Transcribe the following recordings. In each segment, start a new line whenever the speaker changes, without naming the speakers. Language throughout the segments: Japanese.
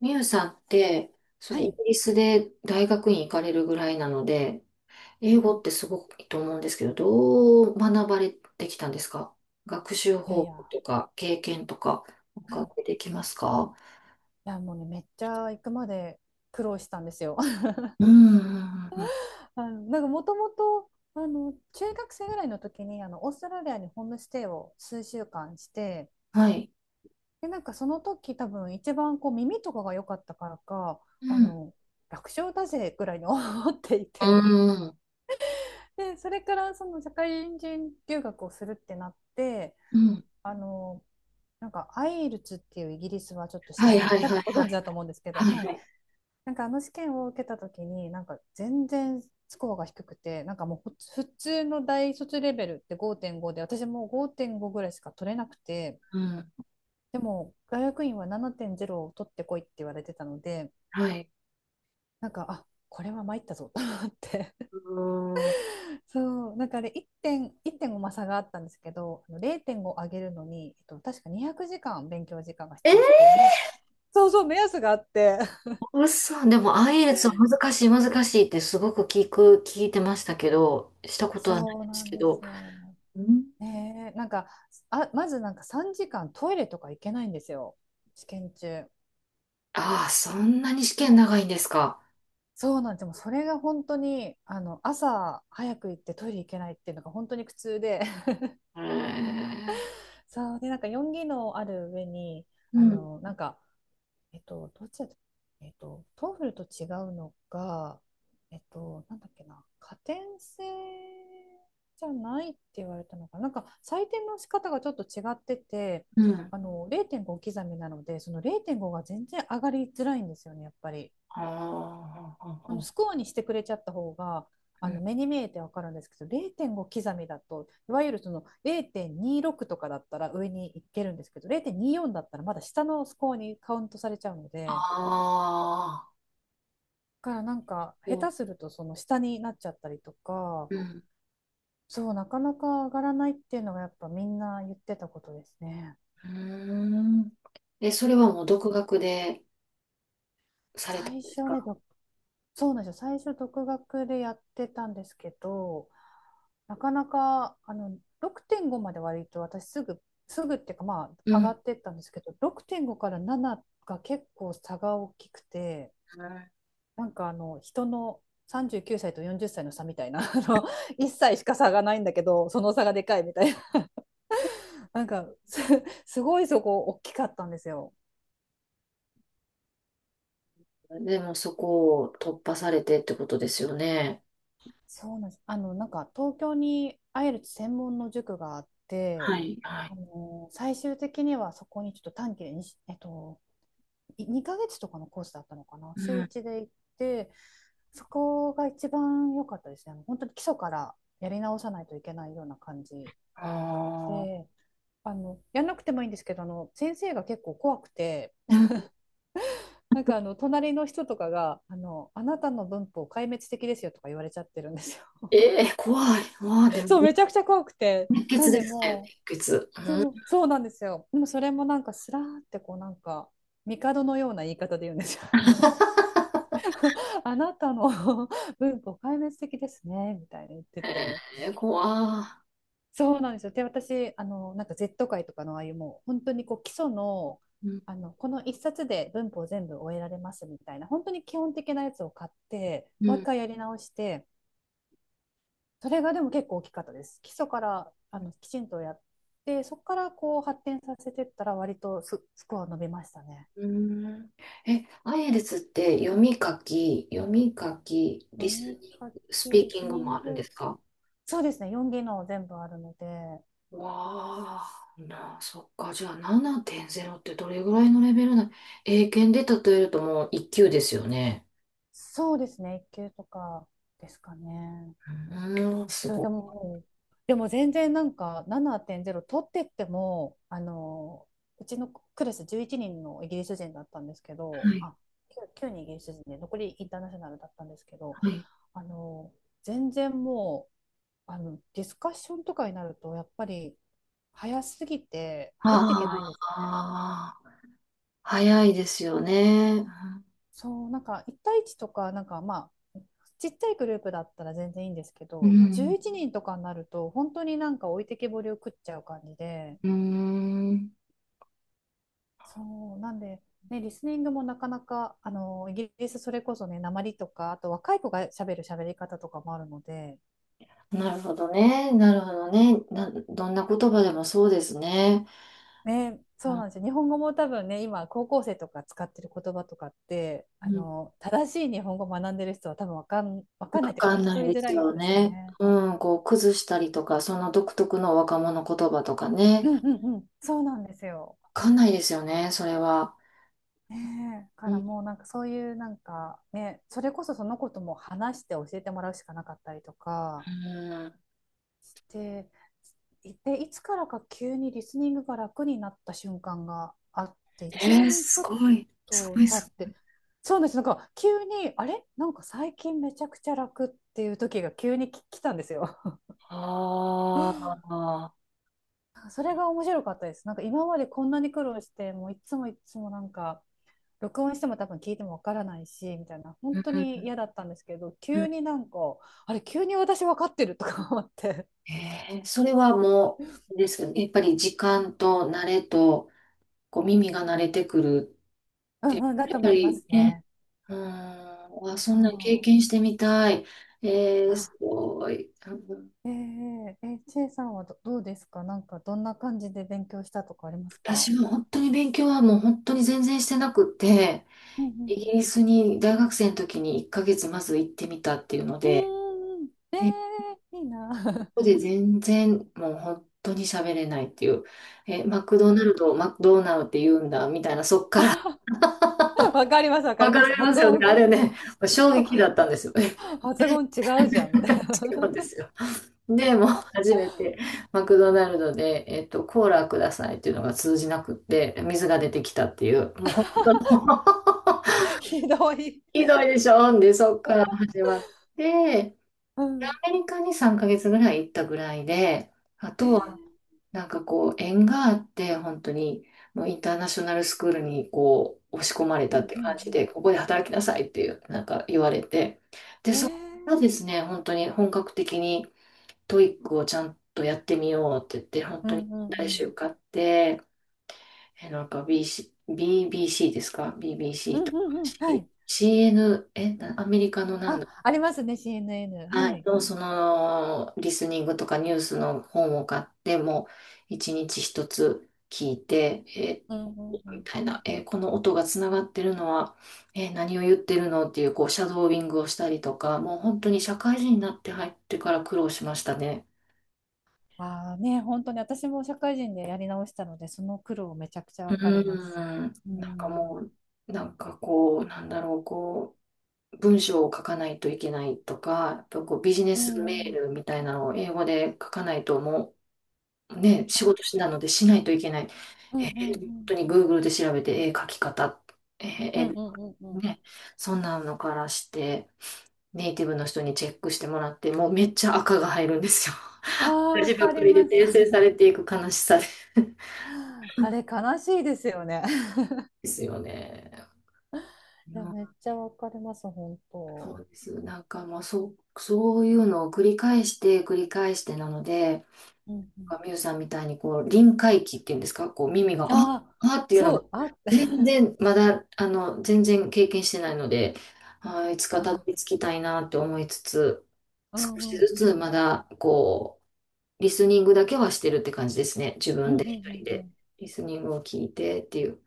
ミュウさんって、そ
は
れイ
い。
ギ
い
リスで大学院行かれるぐらいなので、英語ってすごくいいと思うんですけど、どう学ばれてきたんですか？学習
や
方
いや、
法とか経験とか、お
はい。
伺
い
いできますか？
やもうね、めっちゃ行くまで苦労したんですよ。
うん、うん、うんうん。
なんかもともと、中学生ぐらいの時に、オーストラリアにホームステイを数週間して、
はい。
で、なんかその時多分一番こう耳とかが良かったからか、
う
あ
ん、
の、楽勝だぜぐらいに 思ってい
う
て、
ん、
で、それからその社会人留学をするってなって、
うん。
あの、なんかアイルツっていうイギリスはちょっと試
はい
験
は
が
い
多
は
分
い
ご
はい。
存知だと思うんですけど、
はい
は
は
い。
い。
なんかあの試験を受けた時になんか全然スコアが低くて、なんかもう普通の大卒レベルって5.5で、私もう5.5ぐらいしか取れなくて、
うん、
でも大学院は7.0を取ってこいって言われてたので、
はい。
なんかあ、これは参ったぞと思って。
うん。
そう、なんかあれ1点1.5、まあ差があったんですけど、0.5上げるのに、確か200時間勉強時間が
えー、
必要っていうね、そうそう目安があって。
嘘。でも IELTS は難しい難しいってすごく聞いてましたけど、したことはないで
そう
す
なん
け
で
ど。
すよ。
うん。
ねえ、なんか、あ、まずなんか3時間トイレとか行けないんですよ。試験中。
ああ、そんなに試験長いんですか？
そうなんですよ。もうそれが本当に、朝早く行ってトイレ行けないっていうのが本当に苦痛で、
へえ。
そう、で、なんか4技能ある上に、
うん、
なんか、どっちだった、トーフルと違うのが、なんだっけな、加点制じゃないって言われたのかな、なんか採点の仕方がちょっと違ってて、
うん。
0.5刻みなので、その0.5が全然上がりづらいんですよね、やっぱり。
ああ、
スコアにしてくれちゃった方が、
うん。
目に見えてわかるんですけど、0.5刻みだと、いわゆるその0.26とかだったら上に行けるんですけど、0.24だったらまだ下のスコアにカウントされちゃうの
あ
で。
あ、
からなんか下
そ
手するとその下になっちゃったりとか、
うん、
そうなかなか上がらないっていうのがやっぱみんな言ってたことですね。
うん。うーん。え、それはもう独学でされたん
最
です
初
か？
ね、そうなんですよ、最初独学でやってたんですけど、なかなか6.5まで割と私すぐ、すぐっていうか、まあ
う
上
ん。
が
う
ってったんですけど、6.5から7が結構差が大きくて、なんかあの人の39歳と40歳の差みたいな、あの1 歳しか差がないんだけど、その差がでかいみたいな、なんかすごいそこ大きかったんですよ。
ん。でもそこを突破されてってことですよね。
そうなんです。なんか東京にアイルツ専門の塾があっ
は
て、
い、はい。
最終的にはそこにちょっと短期でにえっと、い2ヶ月とかのコースだったのかな、
う
週
ん。
1で行って、そこが一番良かったですね。本当に基礎からやり直さないといけないような感じ
ああ、
で、やんなくてもいいんですけど、先生が結構怖くて、
うん。
なんかあの隣の人とかがあなたの文法壊滅的ですよとか言われちゃってるんですよ。
ええ、怖い。わあ、で も、
そう、めちゃくちゃ怖くて。
熱
な
血
ん
で
で
すね、
も
熱血。う
う、
ん。
そう、そうなんですよ。でもそれもなんかスラーってこうなんか、帝のような言い方で言うんですよ。あなたの 文法壊滅的ですね、みたいに言ってて。
えー、怖
そうなんですよ。で、私、なんか Z 界とかのああいうもう、本当にこう基礎の、
い。うん、
この一冊で文法全部終えられますみたいな、本当に基本的なやつを買って、
う
もう一
ん。
回やり直して、それがでも結構大きかったです。基礎からきちんとやって、そこからこう発展させてったら、割とスコア伸びましたね。
うーん。え、アイエルツって読み書き、リ
読
ス
み
ニン
書
グ、ス
き、
ピー
リ
キ
ス
ング
ニ
も
ン
あるんで
グ、
すか？
そうですね、4技能全部あるので、
わあ、な、そっか。じゃあ7.0ってどれぐらいのレベルな、英検で例えるともう1級ですよね。
そうですね、1級とかですかね。
うーん、す
そう、
ごい。
でも、全然なんか7.0取ってっても、うちのクラス11人のイギリス人だったんですけ
は
ど、
い。
あ、9人イギリス人で残りインターナショナルだったんですけど、
はい。
あの、全然もう、ディスカッションとかになると、やっぱり早すぎて入っていけないんですよ。
ああ、早いですよね。
そう、なんか1対1とか、なんかまあ、ちっちゃいグループだったら全然いいんですけ
う
ど、
ん。
11人とかになると、本当になんか置いてけぼりを食っちゃう感じで、
うん。
そうなんで、ね、リスニングもなかなかイギリスそれこそね訛りとかあと若い子が喋る喋り方とかもあるので、
なるほどね。なるほどね。な、どんな言葉でもそうですね。
ね、そうなんですよ、日本語も多分ね今高校生とか使ってる言葉とかって正しい日本語を学んでる人は多分わ
わ
かんないというか
かん
聞き
ない
取
で
りづ
す
らい
よ
ですよ
ね。
ね。
うん、こう、崩したりとか、その独特の若者言葉とかね。
うんうんうん、そうなんですよ。
わかんないですよね、それは。
ねえ、
う
から
ん。
もうなんかそういうなんかね、それこそそのことも話して教えてもらうしかなかったりとか、
うん。
で、で、いつからか急にリスニングが楽になった瞬間があって、
え
1
ー、
年ち
す
ょっ
ごい。すご
と
い
経
すご
っ
い。
て、そうなんです、なんか急に、あれなんか最近めちゃくちゃ楽っていう時が急に来たんですよ。
あ あ。
それが面白かったです。なんか今までこんなに苦労して、もういつもいつもなんか、録音しても多分聞いてもわからないし、みたいな、
う
本
ん
当
う
に
ん
嫌だったんですけど、
う
急
ん。
になんか、あれ、急に私わかってるとか思って、
それはもう、あれですけど、やっぱり時間と慣れと、こう、耳が慣れてくる っ
う
て、
んうん、だ
や
と
っぱ
思いま
り
す
ね、
ね。
うん、わ、そんなん経験
そ
してみたい。え
う。う
ー、
ん、
すごい。うん。
ちえさんはどうですか？なんかどんな感じで勉強したとかあります
私
か？
も本当に勉強はもう本当に全然してなくって、
うんう
イ
ん
ギリスに大学生の時に1ヶ月まず行ってみたっていうの
う
で、
ん。うーん、
で、こ
いいな。
こで全然もう本当に喋れないっていう、え、マクドナルドを マクドーナルって言うんだみたいな、そっから
わかります、わか
わ
り
か
ます。
りま
発
すよね。
音、
あれね、衝 撃だったんですよね。
発音違う じゃん、みたい
違うんで
な。
すよ。で、もう初めてマクドナルドで、コーラくださいっていうのが通じなくって、水が出てきたっていう、もう本当 の
ひどい。
ひどいでしょ？で、そっから始 まって、
うん。
アメリカに3ヶ月ぐらい行ったぐらいで、あ
えー、
とは、なんかこう、縁があって、本当に、もうインターナショナルスクールにこう、押し込まれ
う
たっ
ん
て
うん
感じ
う
で、ここで働きなさいっていう、なんか言われて、で、
ん。え
そこ
ー、
からですね、本当に本格的に、トイックをちゃんとやってみようって言って、本
う
当に
んうん
来
うん。
週受って、え、なんか BC、BBC ですか？
う
BBC
ん
とか
うんうん。は
C-
い。
CN、え、なアメリカのなん。
あ、ありますね、CNN。は
はい、
い。
とそのリスニングとかニュースの本を買ってもう一日一つ聞いて、
うんうんう
み
ん。
たいな、この音がつながってるのは、何を言ってるのっていうこうシャドーイングをしたりとかもう本当に社会人になって入ってから苦労しましたね。
ああね、本当に私も社会人でやり直したので、その苦労めちゃくちゃ
う
わかります。
ーん、
う
なんかも
ん。
う、なんかこう、なんだろう、こう、文章を書かないといけないとか、やっぱこうビジネ
う
スメ
んう
ー
ん。
ルみたいなのを英語で書かないともね、仕事し
あ、
なのでしないといけない。
うん
え
うんう
ー本
ん。
当に Google で調べて、書き方、えー
うん
え
うんうんうん。
ね、そんなのからして、ネイティブの人にチェックしてもらって、もうめっちゃ赤が入るんですよ。
ああ、わ
字ばっ
か
か
り
りで
ます。
訂正されていく悲しさで。
あれ、悲しいですよね。
ですよね。い
い
や、
や、めっちゃわかります、本
そう
当。
です。なんかもうそう、そういうのを繰り返して繰り返してなので、
うんう
な
ん。
んかミュウさんみたいにこう臨界期っていうんですか、こう耳が、あ
ああ、
あっていうの
そ
が
う、あ、
全 然、まだ、全然経験してないので、あー、いつかたど
あ、
り着きたいなって思いつつ、
う
少
んう
し
ん
ず
うん。
つまだ、こう、リスニングだけはしてるって感じですね。自
う
分
んう
で
んう
一人
んう
で、
ん。
リスニングを聞いてっていう。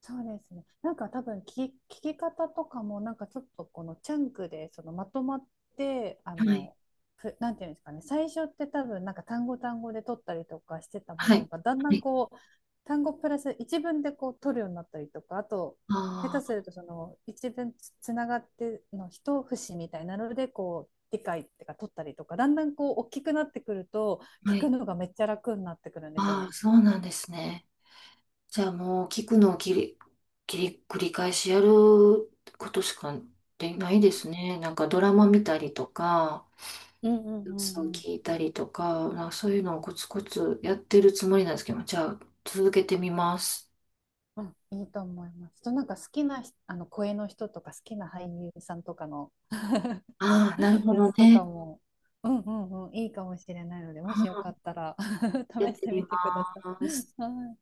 そうですね。なんか多分聞き方とかもなんかちょっとこのチャンクでそのまとまってあ
はい。
のふなんていうんですかね、最初って多分なんか単語単語で取ったりとかしてたも
は
の
い。
が、だんだ
は
ん
い。
こう単語プラス一文でこう取るようになったりとかあと下手す
あ
るとその一文つながっての一節みたいなのでこう理解ってか取ったりとか、だんだんこう大きくなってくると
あ、は
聞く
い。
のがめっちゃ楽になってくるんです
あ
よ。
あ、そうなんですね。じゃあもう、聞くのを切り、繰り返しやることしかできないですね。なんかドラマ見たりとか、
うんうんう
そう
んうん。
聞いたりとか、まあ、そういうのをコツコツやってるつもりなんですけど、じゃあ続けてみます。
うん、いいと思います。となんか好きなあの声の人とか好きな俳優さんとかの
ああ、なるほ
や
ど
つと
ね。
かも、うんうんうん、いいかもしれないので、も
あ
しよかっ
あ、
たら
やっ
試し
て
て
み
み
ま
てください。
す。
はい